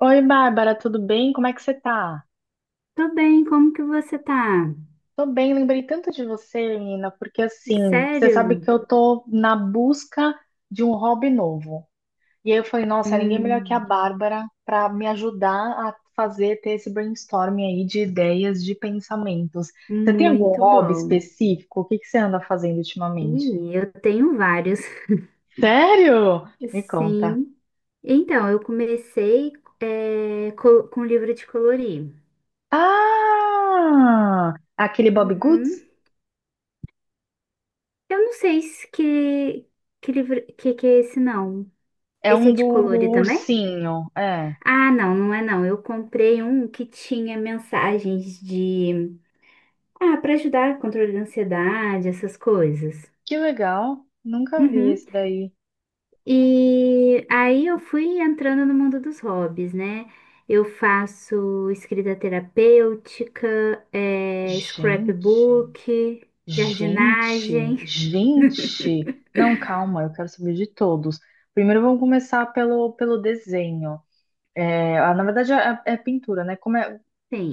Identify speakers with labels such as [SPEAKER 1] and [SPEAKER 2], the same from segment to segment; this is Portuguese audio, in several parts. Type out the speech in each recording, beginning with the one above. [SPEAKER 1] Oi, Bárbara, tudo bem? Como é que você tá?
[SPEAKER 2] Tô bem, como que você tá?
[SPEAKER 1] Tô bem, lembrei tanto de você, menina, porque assim, você sabe
[SPEAKER 2] Sério?
[SPEAKER 1] que eu tô na busca de um hobby novo. E aí eu falei, nossa, ninguém é melhor que a
[SPEAKER 2] Hum,
[SPEAKER 1] Bárbara pra me ajudar a fazer, ter esse brainstorming aí de ideias, de pensamentos. Você tem algum
[SPEAKER 2] muito
[SPEAKER 1] hobby
[SPEAKER 2] bom.
[SPEAKER 1] específico? O que que você anda fazendo ultimamente?
[SPEAKER 2] E eu tenho vários.
[SPEAKER 1] Sério? Me conta.
[SPEAKER 2] Sim. Então, eu comecei com livro de colorir.
[SPEAKER 1] Ah! Aquele Bob
[SPEAKER 2] Uhum.
[SPEAKER 1] Goods?
[SPEAKER 2] Eu não sei se que, que livro que é esse, não.
[SPEAKER 1] É
[SPEAKER 2] Esse é
[SPEAKER 1] um do
[SPEAKER 2] de colorir também?
[SPEAKER 1] ursinho, é.
[SPEAKER 2] Ah, não, não é não. Eu comprei um que tinha mensagens de... Ah, para ajudar a controle da ansiedade, essas coisas.
[SPEAKER 1] Que legal. Nunca vi
[SPEAKER 2] Uhum.
[SPEAKER 1] esse daí.
[SPEAKER 2] E aí eu fui entrando no mundo dos hobbies, né? Eu faço escrita terapêutica,
[SPEAKER 1] Gente,
[SPEAKER 2] scrapbook,
[SPEAKER 1] gente,
[SPEAKER 2] jardinagem.
[SPEAKER 1] gente. Não, calma, eu quero saber de todos. Primeiro vamos começar pelo desenho. É, ah, na verdade é pintura, né? Como é,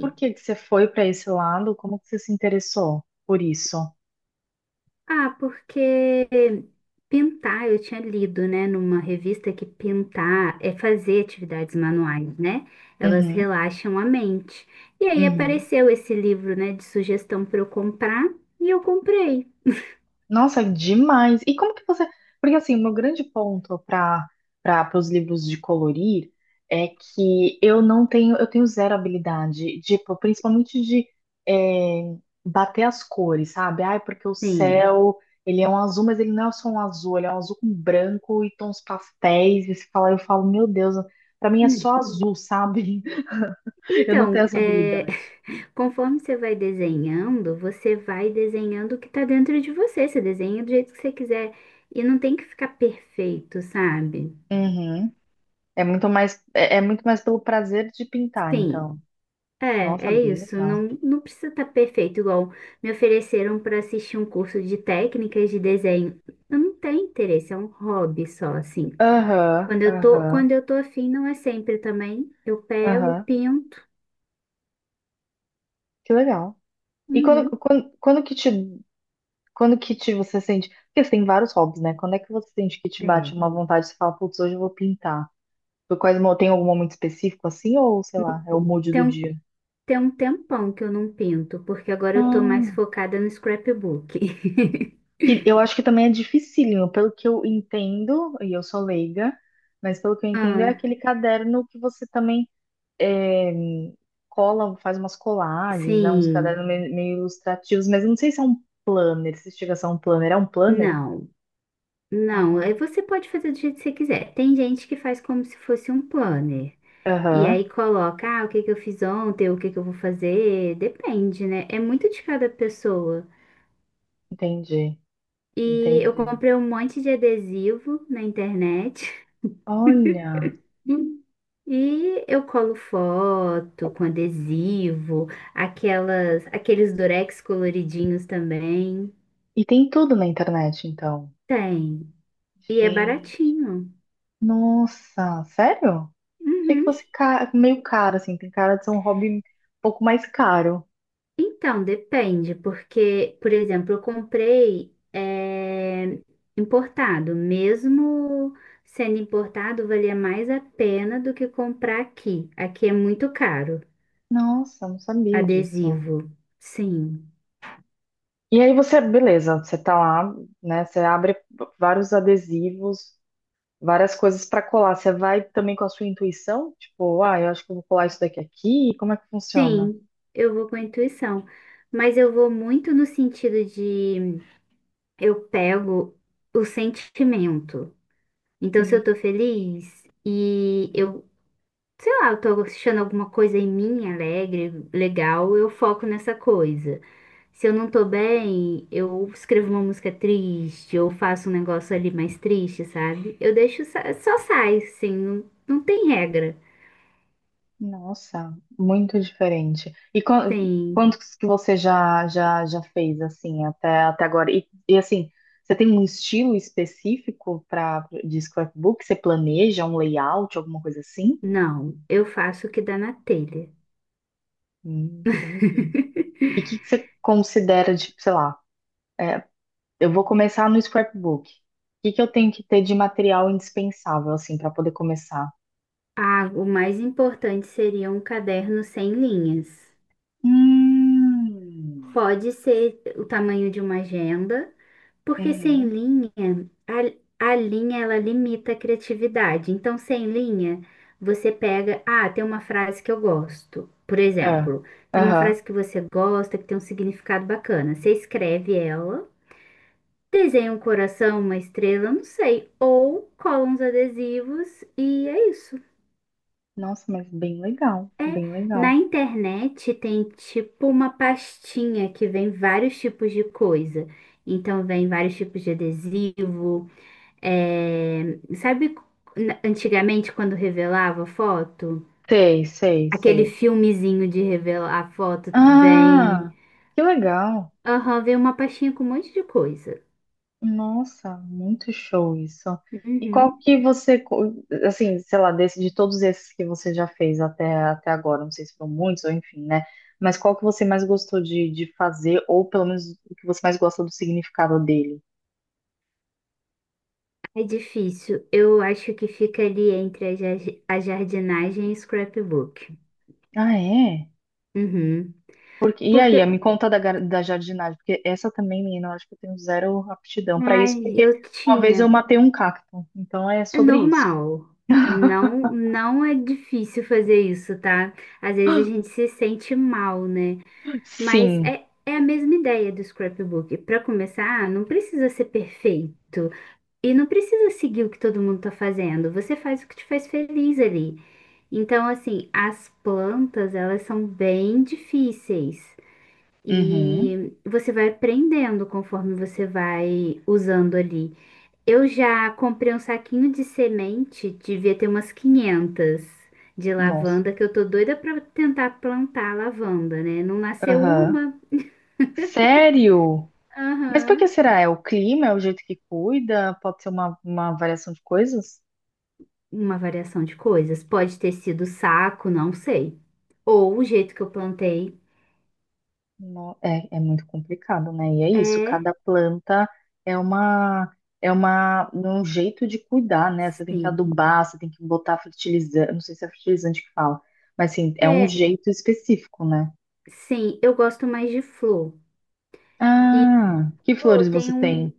[SPEAKER 1] por que que você foi para esse lado? Como que você se interessou por isso?
[SPEAKER 2] Ah, porque pintar, eu tinha lido, né, numa revista que pintar é fazer atividades manuais, né? Elas
[SPEAKER 1] Uhum,
[SPEAKER 2] relaxam a mente. E aí
[SPEAKER 1] uhum.
[SPEAKER 2] apareceu esse livro, né, de sugestão para eu comprar, e eu comprei.
[SPEAKER 1] Nossa, demais. E como que você. Porque assim, o meu grande ponto para os livros de colorir é que eu não tenho, eu tenho zero habilidade, tipo, principalmente de é, bater as cores, sabe? Ai, porque o
[SPEAKER 2] Sim.
[SPEAKER 1] céu, ele é um azul, mas ele não é só um azul, ele é um azul com branco e tons pastéis. E você fala, eu falo, meu Deus, para mim é só azul, sabe? Eu não tenho
[SPEAKER 2] Então,
[SPEAKER 1] essa
[SPEAKER 2] é,
[SPEAKER 1] habilidade.
[SPEAKER 2] conforme você vai desenhando o que tá dentro de você. Você desenha do jeito que você quiser. E não tem que ficar perfeito, sabe?
[SPEAKER 1] Uhum. É muito mais, é muito mais pelo prazer de pintar,
[SPEAKER 2] Sim,
[SPEAKER 1] então.
[SPEAKER 2] é,
[SPEAKER 1] Nossa,
[SPEAKER 2] é
[SPEAKER 1] bem
[SPEAKER 2] isso. Não,
[SPEAKER 1] legal.
[SPEAKER 2] não precisa estar perfeito, igual me ofereceram para assistir um curso de técnicas de desenho. Eu não tenho interesse, é um hobby só, assim.
[SPEAKER 1] Aham, aham,
[SPEAKER 2] Quando eu tô afim, não é sempre também. Eu pego,
[SPEAKER 1] aham.
[SPEAKER 2] pinto.
[SPEAKER 1] Que legal. E quando,
[SPEAKER 2] Uhum.
[SPEAKER 1] quando, quando que te, quando que te você sente? Porque você tem vários hobbies, né? Quando é que você sente que te bate
[SPEAKER 2] É.
[SPEAKER 1] uma vontade, você fala, putz, hoje eu vou pintar. Por quais, mo- tem algum momento específico assim, ou sei lá, é o mood
[SPEAKER 2] Tem
[SPEAKER 1] do
[SPEAKER 2] um
[SPEAKER 1] dia?
[SPEAKER 2] Tem um tempão que eu não pinto, porque agora eu tô mais
[SPEAKER 1] Hum.
[SPEAKER 2] focada no scrapbook.
[SPEAKER 1] Que eu acho que também é dificílimo, pelo que eu entendo, e eu sou leiga, mas pelo que eu entendo é
[SPEAKER 2] Ah,
[SPEAKER 1] aquele caderno que você também é, cola, faz umas colagens, né? Uns
[SPEAKER 2] sim.
[SPEAKER 1] cadernos meio ilustrativos, mas eu não sei se é um planner, se chega a ser um planner. É um planner?
[SPEAKER 2] Não, não.
[SPEAKER 1] Ah.
[SPEAKER 2] Aí você pode fazer do jeito que você quiser. Tem gente que faz como se fosse um planner. E
[SPEAKER 1] Aham,
[SPEAKER 2] aí coloca, ah, o que que eu fiz ontem, o que que eu vou fazer. Depende, né? É muito de cada pessoa.
[SPEAKER 1] entendi,
[SPEAKER 2] E eu
[SPEAKER 1] entendi.
[SPEAKER 2] comprei um monte de adesivo na internet.
[SPEAKER 1] Olha,
[SPEAKER 2] E eu colo foto com adesivo, aqueles durex coloridinhos também.
[SPEAKER 1] e tem tudo na internet, então.
[SPEAKER 2] Tem. E é
[SPEAKER 1] Gente,
[SPEAKER 2] baratinho.
[SPEAKER 1] nossa, sério? Achei que
[SPEAKER 2] Uhum.
[SPEAKER 1] fosse ca- meio caro, assim, tem cara de ser um hobby um pouco mais caro.
[SPEAKER 2] Então, depende, porque, por exemplo, eu comprei importado. Mesmo sendo importado, valia mais a pena do que comprar aqui. Aqui é muito caro,
[SPEAKER 1] Nossa, não sabia disso.
[SPEAKER 2] adesivo. Sim.
[SPEAKER 1] E aí você, beleza, você tá lá, né? Você abre vários adesivos, várias coisas para colar. Você vai também com a sua intuição? Tipo, ah, eu acho que eu vou colar isso daqui aqui. Como é que funciona?
[SPEAKER 2] Sim, eu vou com a intuição, mas eu vou muito no sentido de eu pego o sentimento. Então, se
[SPEAKER 1] Hum.
[SPEAKER 2] eu tô feliz e eu, sei lá, eu tô achando alguma coisa em mim alegre, legal, eu foco nessa coisa. Se eu não tô bem, eu escrevo uma música triste ou faço um negócio ali mais triste, sabe? Eu deixo, só sai, assim, não, não tem regra.
[SPEAKER 1] Nossa, muito diferente. E quan-
[SPEAKER 2] Sim,
[SPEAKER 1] quantos que você já fez assim até agora? E, assim, você tem um estilo específico para de scrapbook? Você planeja um layout, alguma coisa assim?
[SPEAKER 2] não, eu faço o que dá na telha.
[SPEAKER 1] Entendi. E o que que você considera de, sei lá, é, eu vou começar no scrapbook. O que que eu tenho que ter de material indispensável, assim, para poder começar?
[SPEAKER 2] Ah, o mais importante seria um caderno sem linhas.
[SPEAKER 1] Hum.
[SPEAKER 2] Pode ser o tamanho de uma agenda, porque sem
[SPEAKER 1] Uhum.
[SPEAKER 2] linha, a linha ela limita a criatividade. Então, sem linha, você pega, ah, tem uma frase que eu gosto. Por
[SPEAKER 1] É.
[SPEAKER 2] exemplo, tem uma
[SPEAKER 1] Aham.
[SPEAKER 2] frase que você gosta, que tem um significado bacana. Você escreve ela, desenha um coração, uma estrela, não sei, ou cola uns adesivos e é isso.
[SPEAKER 1] Nossa, mas bem legal,
[SPEAKER 2] É,
[SPEAKER 1] bem
[SPEAKER 2] na
[SPEAKER 1] legal.
[SPEAKER 2] internet tem tipo uma pastinha que vem vários tipos de coisa. Então vem vários tipos de adesivo. Sabe antigamente quando revelava foto?
[SPEAKER 1] Sei, sei,
[SPEAKER 2] Aquele
[SPEAKER 1] sei.
[SPEAKER 2] filmezinho de revelar a foto vem.
[SPEAKER 1] Ah, que legal.
[SPEAKER 2] Aham, vem uma pastinha com um monte de coisa.
[SPEAKER 1] Nossa, muito show isso. E qual
[SPEAKER 2] Uhum.
[SPEAKER 1] que você, co- assim, sei lá, desse, de todos esses que você já fez até agora, não sei se foram muitos ou enfim, né? Mas qual que você mais gostou de fazer, ou pelo menos o que você mais gosta do significado dele?
[SPEAKER 2] É difícil. Eu acho que fica ali entre a jardinagem e scrapbook.
[SPEAKER 1] Ah, é?
[SPEAKER 2] Uhum.
[SPEAKER 1] Porque, e aí,
[SPEAKER 2] Porque,
[SPEAKER 1] me conta da, gar- da jardinagem, porque essa também, menina, eu acho que eu tenho zero aptidão pra isso,
[SPEAKER 2] ai,
[SPEAKER 1] porque
[SPEAKER 2] eu
[SPEAKER 1] uma vez eu
[SPEAKER 2] tinha.
[SPEAKER 1] matei um cacto, então é
[SPEAKER 2] É
[SPEAKER 1] sobre isso.
[SPEAKER 2] normal. Não, não é difícil fazer isso, tá? Às vezes a gente se sente mal, né? Mas
[SPEAKER 1] Sim.
[SPEAKER 2] é, é a mesma ideia do scrapbook. Para começar, não precisa ser perfeito e não precisa seguir o que todo mundo tá fazendo. Você faz o que te faz feliz ali. Então, assim, as plantas, elas são bem difíceis.
[SPEAKER 1] Uhum.
[SPEAKER 2] E você vai aprendendo conforme você vai usando ali. Eu já comprei um saquinho de semente, devia ter umas 500 de
[SPEAKER 1] Nossa.
[SPEAKER 2] lavanda, que eu tô doida pra tentar plantar lavanda, né? Não nasceu
[SPEAKER 1] Aham.
[SPEAKER 2] uma.
[SPEAKER 1] Sério? Mas por que
[SPEAKER 2] Aham.
[SPEAKER 1] será? É o clima? É o jeito que cuida? Pode ser uma variação de coisas?
[SPEAKER 2] Uma variação de coisas. Pode ter sido saco, não sei. Ou o jeito que eu plantei.
[SPEAKER 1] No- é, é muito complicado, né? E é isso,
[SPEAKER 2] É,
[SPEAKER 1] cada planta é uma é um jeito de cuidar, né? Você tem que
[SPEAKER 2] sim.
[SPEAKER 1] adubar, você tem que botar fertilizante, não sei se é fertilizante que fala, mas assim, é um
[SPEAKER 2] É,
[SPEAKER 1] jeito específico, né?
[SPEAKER 2] sim, eu gosto mais de flor. E
[SPEAKER 1] Ah, que
[SPEAKER 2] pô,
[SPEAKER 1] flores você
[SPEAKER 2] tem um,
[SPEAKER 1] tem?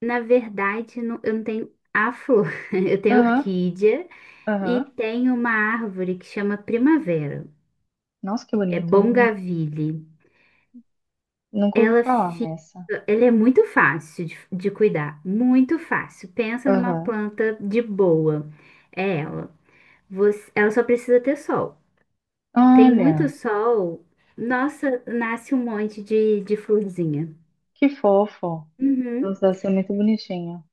[SPEAKER 2] na verdade, eu não tenho a flor. Eu tenho
[SPEAKER 1] Aham,
[SPEAKER 2] orquídea e
[SPEAKER 1] aham.
[SPEAKER 2] tem uma árvore que chama primavera.
[SPEAKER 1] Nossa, que
[SPEAKER 2] É
[SPEAKER 1] bonito, eu nun-
[SPEAKER 2] Bongaville.
[SPEAKER 1] nunca ouvi
[SPEAKER 2] Ela
[SPEAKER 1] falar
[SPEAKER 2] fica,
[SPEAKER 1] nessa.
[SPEAKER 2] ele é muito fácil de cuidar, muito fácil. Pensa numa
[SPEAKER 1] Aham.
[SPEAKER 2] planta de boa. É ela. Ela só precisa ter sol. Tem muito
[SPEAKER 1] Olha,
[SPEAKER 2] sol, nossa, nasce um monte de florzinha.
[SPEAKER 1] que fofo.
[SPEAKER 2] Uhum.
[SPEAKER 1] Nossa, deve ser muito bonitinho.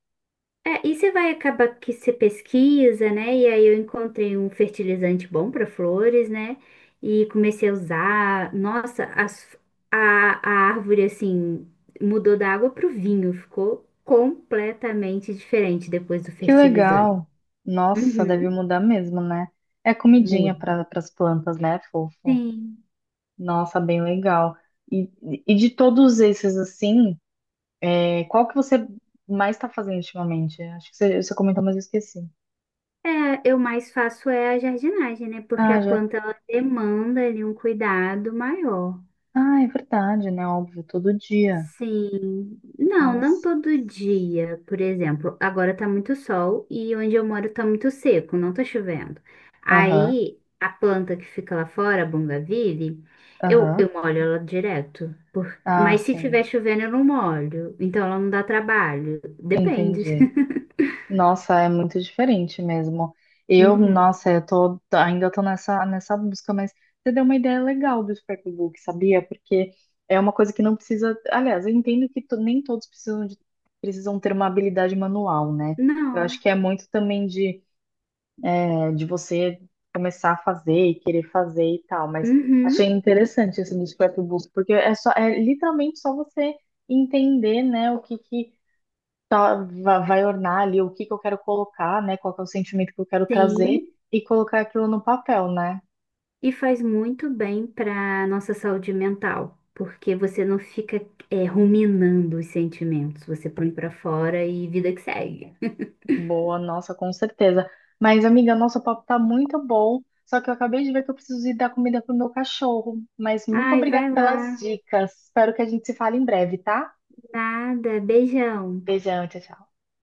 [SPEAKER 2] É, e você vai acabar que você pesquisa, né? E aí eu encontrei um fertilizante bom para flores, né? E comecei a usar. Nossa, a, a árvore, assim, mudou da água para o vinho. Ficou completamente diferente depois do
[SPEAKER 1] Que
[SPEAKER 2] fertilizante.
[SPEAKER 1] legal. Nossa, deve
[SPEAKER 2] Uhum,
[SPEAKER 1] mudar mesmo, né? É comidinha
[SPEAKER 2] muda.
[SPEAKER 1] para as plantas, né, fofo?
[SPEAKER 2] Sim.
[SPEAKER 1] Nossa, bem legal. E, e de todos esses, assim, é, qual que você mais está fazendo ultimamente? Acho que você, você comentou, mas eu esqueci.
[SPEAKER 2] É, eu mais faço é a jardinagem, né? Porque
[SPEAKER 1] Ah,
[SPEAKER 2] a
[SPEAKER 1] já.
[SPEAKER 2] planta, ela demanda ali um cuidado maior.
[SPEAKER 1] Ah, é verdade, né? Óbvio, todo dia.
[SPEAKER 2] Sim, não, não
[SPEAKER 1] Nossa.
[SPEAKER 2] todo dia, por exemplo. Agora tá muito sol e onde eu moro tá muito seco, não tá chovendo.
[SPEAKER 1] Aham,
[SPEAKER 2] Aí a planta que fica lá fora, a bougainville,
[SPEAKER 1] aham.
[SPEAKER 2] eu molho ela direto.
[SPEAKER 1] Ah,
[SPEAKER 2] Mas se
[SPEAKER 1] sim.
[SPEAKER 2] tiver chovendo, eu não molho, então ela não dá trabalho. Depende.
[SPEAKER 1] Entendi. Nossa, é muito diferente mesmo. Eu,
[SPEAKER 2] Uhum.
[SPEAKER 1] nossa, eu tô, tô- ainda tô nessa, nessa busca, mas você deu uma ideia legal do scrapbook, sabia? Porque é uma coisa que não precisa. Aliás, eu entendo que to- nem todos precisam, de, precisam ter uma habilidade manual, né? Eu
[SPEAKER 2] Não.
[SPEAKER 1] acho que é muito também de, é, de você começar a fazer e querer fazer e tal, mas
[SPEAKER 2] Uhum.
[SPEAKER 1] achei interessante esse do scrapbook, porque é só, é literalmente só você entender, né, o que que tá- va- vai ornar ali o que que eu quero colocar, né? Qual que é o sentimento que eu quero trazer
[SPEAKER 2] Sim.
[SPEAKER 1] e colocar aquilo no papel, né?
[SPEAKER 2] E faz muito bem para nossa saúde mental, porque você não fica ruminando os sentimentos, você põe para fora e vida que segue.
[SPEAKER 1] Boa, nossa, com certeza. Mas, amiga, nosso papo tá muito bom, só que eu acabei de ver que eu preciso ir dar comida pro meu cachorro. Mas muito
[SPEAKER 2] Ai,
[SPEAKER 1] obrigada
[SPEAKER 2] vai
[SPEAKER 1] pelas
[SPEAKER 2] lá.
[SPEAKER 1] dicas. Espero que a gente se fale em breve, tá?
[SPEAKER 2] Nada, beijão.
[SPEAKER 1] Beijão, tchau, tchau.